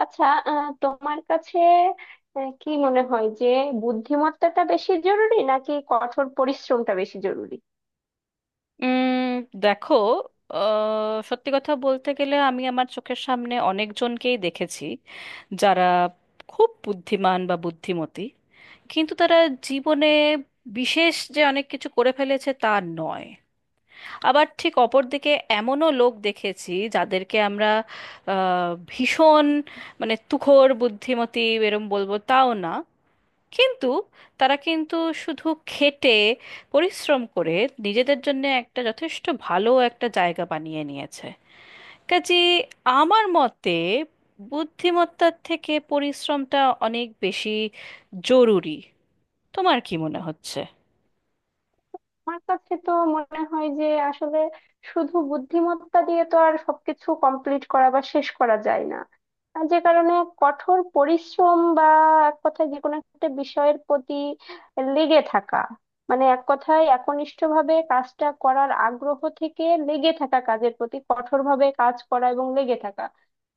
আচ্ছা, তোমার কাছে কি মনে হয় যে বুদ্ধিমত্তাটা বেশি জরুরি নাকি কঠোর পরিশ্রমটা বেশি জরুরি? উম দেখো, সত্যি কথা বলতে গেলে আমি আমার চোখের সামনে অনেকজনকেই দেখেছি যারা খুব বুদ্ধিমান বা বুদ্ধিমতী, কিন্তু তারা জীবনে বিশেষ যে অনেক কিছু করে ফেলেছে তা নয়। আবার ঠিক অপরদিকে এমনও লোক দেখেছি যাদেরকে আমরা ভীষণ মানে তুখোড় বুদ্ধিমতী এরম বলবো তাও না, কিন্তু তারা কিন্তু শুধু খেটে পরিশ্রম করে নিজেদের জন্য একটা যথেষ্ট ভালো একটা জায়গা বানিয়ে নিয়েছে। কাজে আমার মতে বুদ্ধিমত্তার থেকে পরিশ্রমটা অনেক বেশি জরুরি। তোমার কি মনে হচ্ছে? আমার কাছে তো মনে হয় যে আসলে শুধু বুদ্ধিমত্তা দিয়ে তো আর সবকিছু কমপ্লিট করা বা শেষ করা যায় না। আর যে কারণে কঠোর পরিশ্রম বা এক কথায় যে কোনো একটা বিষয়ের প্রতি লেগে থাকা, মানে এক কথায় একনিষ্ঠভাবে কাজটা করার আগ্রহ থেকে লেগে থাকা কাজের প্রতি কঠোরভাবে কাজ করা এবং লেগে থাকা,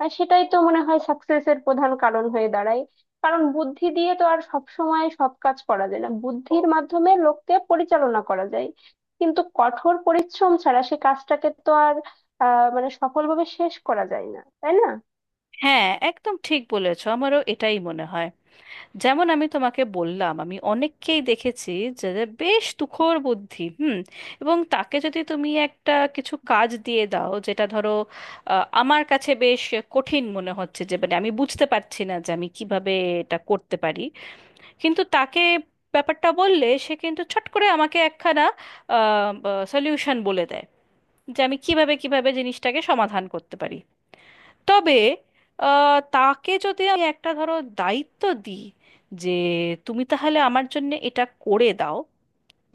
আর সেটাই তো মনে হয় সাকসেসের প্রধান কারণ হয়ে দাঁড়ায়। কারণ বুদ্ধি দিয়ে তো আর সব সময় সব কাজ করা যায় না, বুদ্ধির মাধ্যমে লোককে পরিচালনা করা যায়, কিন্তু কঠোর পরিশ্রম ছাড়া সে কাজটাকে তো আর মানে সফলভাবে শেষ করা যায় না, তাই না? হ্যাঁ, একদম ঠিক বলেছো, আমারও এটাই মনে হয়। যেমন আমি তোমাকে বললাম, আমি অনেককেই দেখেছি যাদের বেশ তুখোড় বুদ্ধি। হুম। এবং তাকে যদি তুমি একটা কিছু কাজ দিয়ে দাও, যেটা ধরো আমার কাছে বেশ কঠিন মনে হচ্ছে, যে মানে আমি বুঝতে পারছি না যে আমি কিভাবে এটা করতে পারি, কিন্তু তাকে ব্যাপারটা বললে সে কিন্তু ছট করে আমাকে একখানা সলিউশন বলে দেয় যে আমি কিভাবে কিভাবে জিনিসটাকে সমাধান করতে পারি। তবে তাকে যদি আমি একটা ধরো দায়িত্ব দিই যে তুমি তাহলে আমার জন্য এটা করে দাও,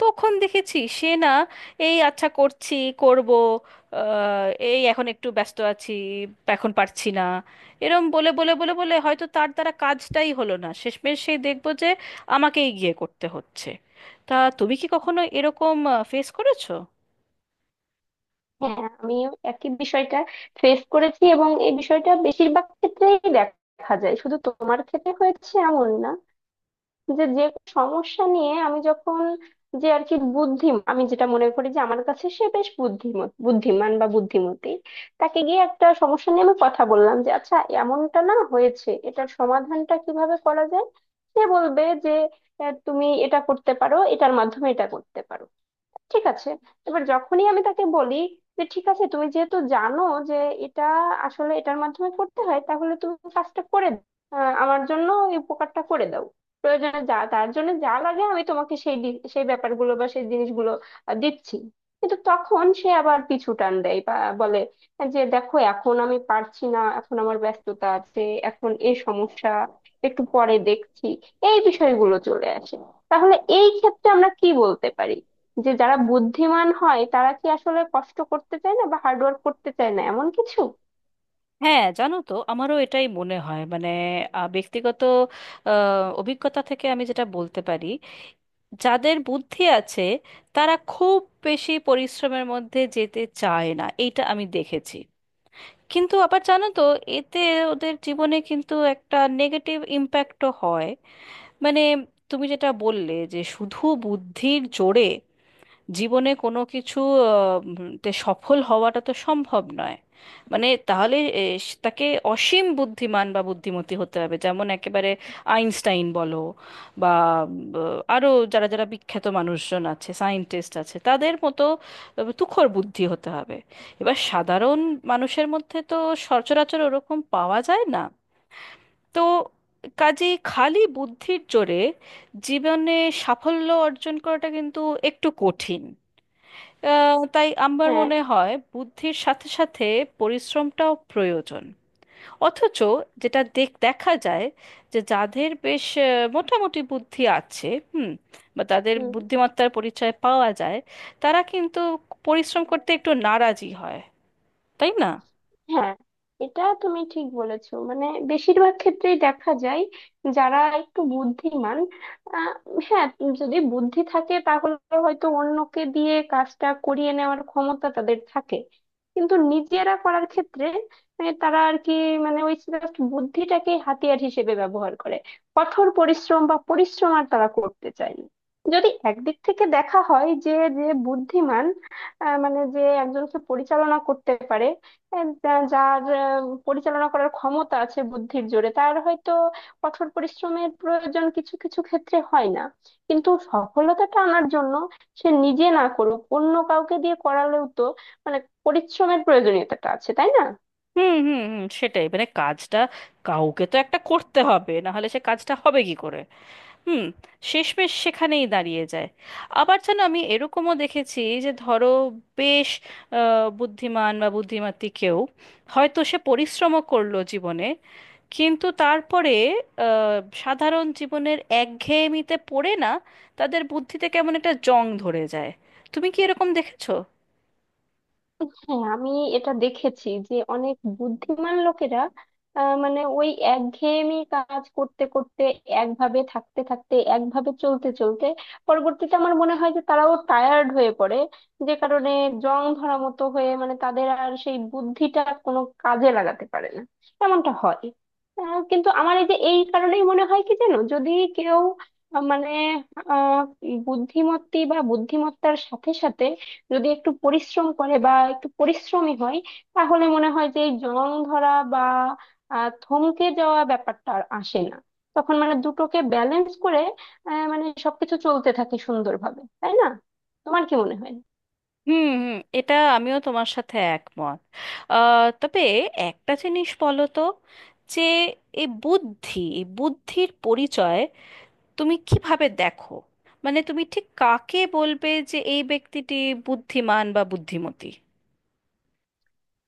তখন দেখেছি সে না, এই আচ্ছা করছি, করব, এই এখন একটু ব্যস্ত আছি, এখন পারছি না, এরম বলে বলে বলে বলে হয়তো তার দ্বারা কাজটাই হলো না, শেষমেশ সেই দেখবো যে আমাকেই গিয়ে করতে হচ্ছে। তা তুমি কি কখনো এরকম ফেস করেছো? হ্যাঁ, আমি একই বিষয়টা ফেস করেছি এবং এই বিষয়টা বেশিরভাগ ক্ষেত্রেই দেখা যায়, শুধু তোমার ক্ষেত্রে হয়েছে এমন না। যে যে সমস্যা নিয়ে আমি যখন, যে আর কি বুদ্ধি, আমি যেটা মনে করি যে আমার কাছে সে বেশ বুদ্ধিমান বা বুদ্ধিমতী, তাকে গিয়ে একটা সমস্যা নিয়ে আমি কথা বললাম যে আচ্ছা এমনটা না হয়েছে, এটার সমাধানটা কিভাবে করা যায়। সে বলবে যে তুমি এটা করতে পারো, এটার মাধ্যমে এটা করতে পারো। ঠিক আছে, এবার যখনই আমি তাকে বলি যে ঠিক আছে তুমি যেহেতু জানো যে এটা আসলে এটার মাধ্যমে করতে হয়, তাহলে তুমি কাজটা করে দাও। আমার জন্য এই উপকারটা করে দাও, প্রয়োজনে যা তার জন্য যা লাগে আমি তোমাকে সেই সেই ব্যাপারগুলো বা সেই জিনিসগুলো দিচ্ছি। কিন্তু তখন সে আবার পিছু টান দেয় বা বলে যে দেখো এখন আমি পারছি না, এখন আমার ব্যস্ততা আছে, এখন এই সমস্যা একটু পরে দেখছি। এই বিষয়গুলো চলে আসে। তাহলে এই ক্ষেত্রে আমরা কি বলতে পারি যে যারা বুদ্ধিমান হয় তারা কি আসলে কষ্ট করতে চায় না বা হার্ড ওয়ার্ক করতে চায় না, এমন কিছু? হ্যাঁ, জানো তো আমারও এটাই মনে হয়। মানে ব্যক্তিগত অভিজ্ঞতা থেকে আমি যেটা বলতে পারি, যাদের বুদ্ধি আছে তারা খুব বেশি পরিশ্রমের মধ্যে যেতে চায় না, এইটা আমি দেখেছি। কিন্তু আবার জানো তো, এতে ওদের জীবনে কিন্তু একটা নেগেটিভ ইম্প্যাক্টও হয়। মানে তুমি যেটা বললে যে শুধু বুদ্ধির জোরে জীবনে কোনো কিছু তে সফল হওয়াটা তো সম্ভব নয়। মানে তাহলে তাকে অসীম বুদ্ধিমান বা বুদ্ধিমতী হতে হবে, যেমন একেবারে আইনস্টাইন বলো, বা আরো যারা যারা বিখ্যাত মানুষজন আছে, সায়েন্টিস্ট আছে, তাদের মতো তুখর বুদ্ধি হতে হবে। এবার সাধারণ মানুষের মধ্যে তো সচরাচর ওরকম পাওয়া যায় না। তো কাজে খালি বুদ্ধির জোরে জীবনে সাফল্য অর্জন করাটা কিন্তু একটু কঠিন। তাই আমার হ্যাঁ। মনে হয় বুদ্ধির সাথে সাথে পরিশ্রমটাও প্রয়োজন। অথচ যেটা দেখা যায় যে যাদের বেশ মোটামুটি বুদ্ধি আছে, হুম, বা তাদের হুম। বুদ্ধিমত্তার পরিচয় পাওয়া যায়, তারা কিন্তু পরিশ্রম করতে একটু নারাজি হয়, তাই না? হ্যাঁ, এটা তুমি ঠিক বলেছো, মানে বেশিরভাগ ক্ষেত্রেই দেখা যায় যারা একটু বুদ্ধিমান, আহ, হ্যাঁ, যদি বুদ্ধি থাকে তাহলে হয়তো অন্যকে দিয়ে কাজটা করিয়ে নেওয়ার ক্ষমতা তাদের থাকে, কিন্তু নিজেরা করার ক্ষেত্রে, মানে তারা আর কি, মানে ওই জাস্ট বুদ্ধিটাকে হাতিয়ার হিসেবে ব্যবহার করে, কঠোর পরিশ্রম বা পরিশ্রম আর তারা করতে চায় না। যদি একদিক থেকে দেখা হয় যে, যে বুদ্ধিমান মানে যে একজনকে পরিচালনা করতে পারে, এ, যার পরিচালনা করার ক্ষমতা আছে বুদ্ধির জোরে, তার হয়তো কঠোর পরিশ্রমের প্রয়োজন কিছু কিছু ক্ষেত্রে হয় না। কিন্তু সফলতাটা আনার জন্য সে নিজে না করুক, অন্য কাউকে দিয়ে করালেও তো মানে পরিশ্রমের প্রয়োজনীয়তাটা আছে, তাই না? হুম, হুম, হুম, সেটাই। মানে কাজটা কাউকে তো একটা করতে হবে, না হলে সে কাজটা হবে কি করে? হুম। শেষমেশ সেখানেই দাঁড়িয়ে যায়। আবার যেন আমি এরকমও দেখেছি যে ধরো বেশ বুদ্ধিমান বা বুদ্ধিমতী কেউ হয়তো সে পরিশ্রমও করলো জীবনে, কিন্তু তারপরে আহ, সাধারণ জীবনের একঘেয়েমিতে পড়ে না, তাদের বুদ্ধিতে কেমন একটা জং ধরে যায়। তুমি কি এরকম দেখেছো? হ্যাঁ, আমি এটা দেখেছি যে অনেক বুদ্ধিমান লোকেরা মানে ওই একঘেয়েমি কাজ করতে করতে, একভাবে থাকতে থাকতে, একভাবে চলতে চলতে পরবর্তীতে আমার মনে হয় যে তারাও টায়ার্ড হয়ে পড়ে। যে কারণে জং ধরা মতো হয়ে, মানে তাদের আর সেই বুদ্ধিটা কোনো কাজে লাগাতে পারে না, এমনটা হয়। কিন্তু আমার এই যে এই কারণেই মনে হয় কি জানো, যদি কেউ আহ, মানে আহ বুদ্ধিমত্তি বা বুদ্ধিমত্তার সাথে সাথে যদি একটু পরিশ্রম করে বা একটু পরিশ্রমী হয়, তাহলে মনে হয় যে এই জং ধরা বা থমকে যাওয়া ব্যাপারটা আর আসে না। তখন মানে দুটোকে ব্যালেন্স করে মানে সবকিছু চলতে থাকে সুন্দরভাবে, তাই না? তোমার কি মনে হয়? হুম, হুম, এটা আমিও তোমার সাথে একমত। তবে একটা জিনিস বলো তো, যে এই বুদ্ধি, এই বুদ্ধির পরিচয় তুমি কিভাবে দেখো? মানে তুমি ঠিক কাকে বলবে যে এই ব্যক্তিটি বুদ্ধিমান বা বুদ্ধিমতী?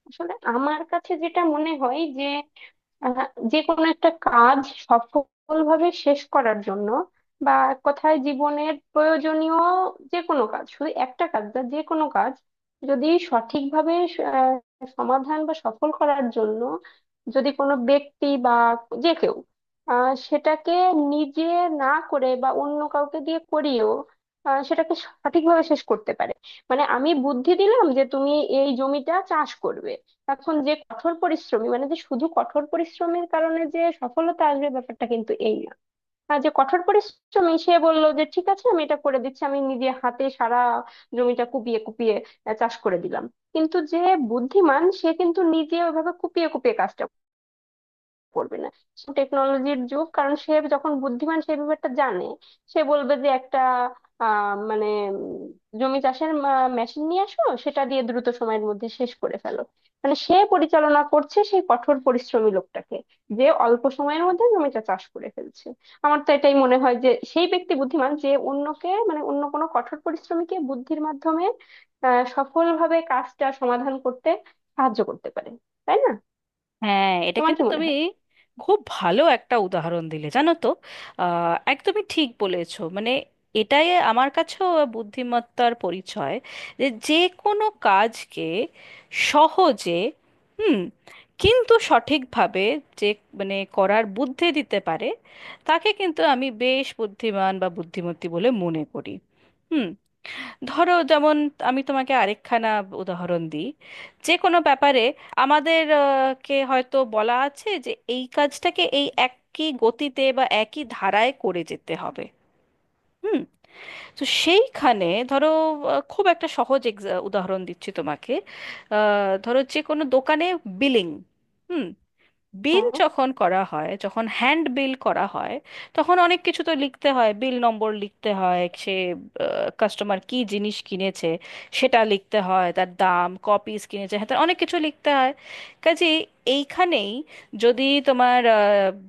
আসলে আমার কাছে যেটা মনে হয় যে আহ, যে কোনো একটা কাজ সফলভাবে শেষ করার জন্য বা এক কথায় জীবনের প্রয়োজনীয় যে কোনো কাজ, শুধু একটা কাজ না, যে কোনো কাজ যদি সঠিকভাবে সমাধান বা সফল করার জন্য, যদি কোনো ব্যক্তি বা যে কেউ সেটাকে নিজে না করে বা অন্য কাউকে দিয়ে করিয়েও সেটাকে সঠিকভাবে শেষ করতে পারে। মানে আমি বুদ্ধি দিলাম যে তুমি এই জমিটা চাষ করবে, এখন যে কঠোর পরিশ্রমী, মানে যে শুধু কঠোর পরিশ্রমের কারণে যে সফলতা আসবে ব্যাপারটা কিন্তু এই না। আর যে কঠোর পরিশ্রমী সে বললো যে ঠিক আছে আমি এটা করে দিচ্ছি, আমি নিজে হাতে সারা জমিটা কুপিয়ে কুপিয়ে চাষ করে দিলাম। কিন্তু যে বুদ্ধিমান সে কিন্তু নিজে ওইভাবে কুপিয়ে কুপিয়ে কাজটা করবে না, টেকনোলজির যুগ, কারণ সে যখন বুদ্ধিমান সেই ব্যাপারটা জানে। সে বলবে যে একটা আহ মানে জমি চাষের মেশিন নিয়ে আসো, সেটা দিয়ে দ্রুত সময়ের মধ্যে শেষ করে ফেলো। মানে সে পরিচালনা করছে সেই কঠোর পরিশ্রমী লোকটাকে, যে অল্প সময়ের মধ্যে জমিটা চাষ করে ফেলছে। আমার তো এটাই মনে হয় যে সেই ব্যক্তি বুদ্ধিমান যে অন্যকে, মানে অন্য কোনো কঠোর পরিশ্রমীকে বুদ্ধির মাধ্যমে সফলভাবে কাজটা সমাধান করতে সাহায্য করতে পারে, তাই না? হ্যাঁ, এটা তোমার কি কিন্তু মনে তুমি হয়? খুব ভালো একটা উদাহরণ দিলে, জানো তো। একদমই ঠিক বলেছো। মানে এটাই আমার কাছেও বুদ্ধিমত্তার পরিচয়, যে যে কোনো কাজকে সহজে, হুম, কিন্তু সঠিকভাবে, যে মানে করার বুদ্ধি দিতে পারে, তাকে কিন্তু আমি বেশ বুদ্ধিমান বা বুদ্ধিমতী বলে মনে করি। হুম। ধরো যেমন আমি তোমাকে আরেকখানা উদাহরণ দিই। যে কোনো ব্যাপারে আমাদের কে হয়তো বলা আছে যে এই কাজটাকে এই একই গতিতে বা একই ধারায় করে যেতে হবে। হুম। তো সেইখানে ধরো, খুব একটা সহজ উদাহরণ দিচ্ছি তোমাকে। ধরো যে কোনো দোকানে বিলিং, বিল হ্যাঁ। যখন করা হয়, যখন হ্যান্ড বিল করা হয়, তখন অনেক কিছু তো লিখতে হয়, বিল নম্বর লিখতে হয়, সে কাস্টমার কি জিনিস কিনেছে সেটা লিখতে হয়, তার দাম, ক পিস কিনেছে, হ্যাঁ, তার অনেক কিছু লিখতে হয়। কাজে এইখানেই যদি তোমার আহ,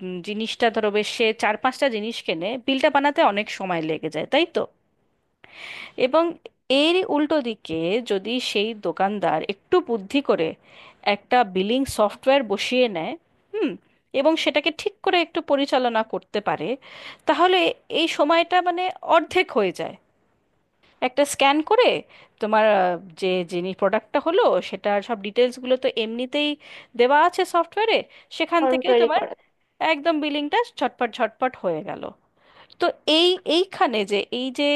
উম, জিনিসটা ধরো বেশ, সে চার পাঁচটা জিনিস কেনে, বিলটা বানাতে অনেক সময় লেগে যায়, তাই তো? এবং এর উল্টো দিকে যদি সেই দোকানদার একটু বুদ্ধি করে একটা বিলিং সফটওয়্যার বসিয়ে নেয়, হুম, এবং সেটাকে ঠিক করে একটু পরিচালনা করতে পারে, তাহলে এই সময়টা মানে অর্ধেক হয়ে যায়। একটা স্ক্যান করে তোমার, যে যিনি প্রোডাক্টটা হলো সেটার সব ডিটেলসগুলো তো এমনিতেই দেওয়া আছে সফটওয়্যারে, সেখান ফর্ম থেকে তৈরি তোমার করা থাকে। একদম বিলিংটা ঝটপট ঝটপট হয়ে গেল। তো এই এইখানে যে এই যে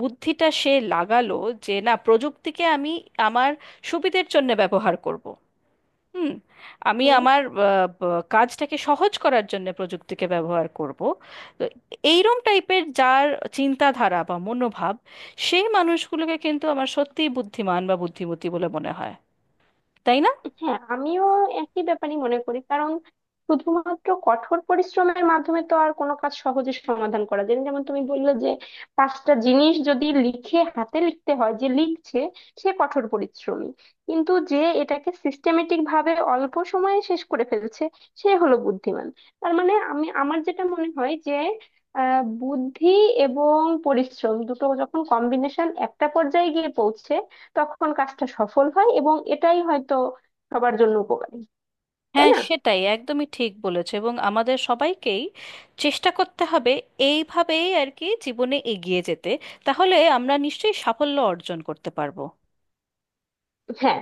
বুদ্ধিটা সে লাগালো, যে না, প্রযুক্তিকে আমি আমার সুবিধের জন্য ব্যবহার করব। হুম। আমি হুম। আমার কাজটাকে সহজ করার জন্য প্রযুক্তিকে ব্যবহার করব। তো এইরম টাইপের যার চিন্তাধারা বা মনোভাব, সেই মানুষগুলোকে কিন্তু আমার সত্যিই বুদ্ধিমান বা বুদ্ধিমতী বলে মনে হয়, তাই না? হ্যাঁ, আমিও একই ব্যাপারই মনে করি, কারণ শুধুমাত্র কঠোর পরিশ্রমের মাধ্যমে তো আর কোনো কাজ সহজে সমাধান করা যায় না। যেমন তুমি বললে যে 5টা জিনিস যদি লিখে, হাতে লিখতে হয়, যে লিখছে সে কঠোর পরিশ্রমী, কিন্তু যে এটাকে সিস্টেমেটিক ভাবে অল্প সময়ে শেষ করে ফেলছে সে হলো বুদ্ধিমান। তার মানে আমি, আমার যেটা মনে হয় যে বুদ্ধি এবং পরিশ্রম দুটো যখন কম্বিনেশন একটা পর্যায়ে গিয়ে পৌঁছে, তখন কাজটা সফল হয় এবং এটাই হয়তো সবার জন্য উপকারী, তাই হ্যাঁ, না? সেটাই, একদমই ঠিক বলেছে, এবং আমাদের সবাইকেই চেষ্টা করতে হবে এইভাবেই আর কি জীবনে এগিয়ে যেতে। তাহলে আমরা নিশ্চয়ই সাফল্য অর্জন করতে পারবো। হ্যাঁ।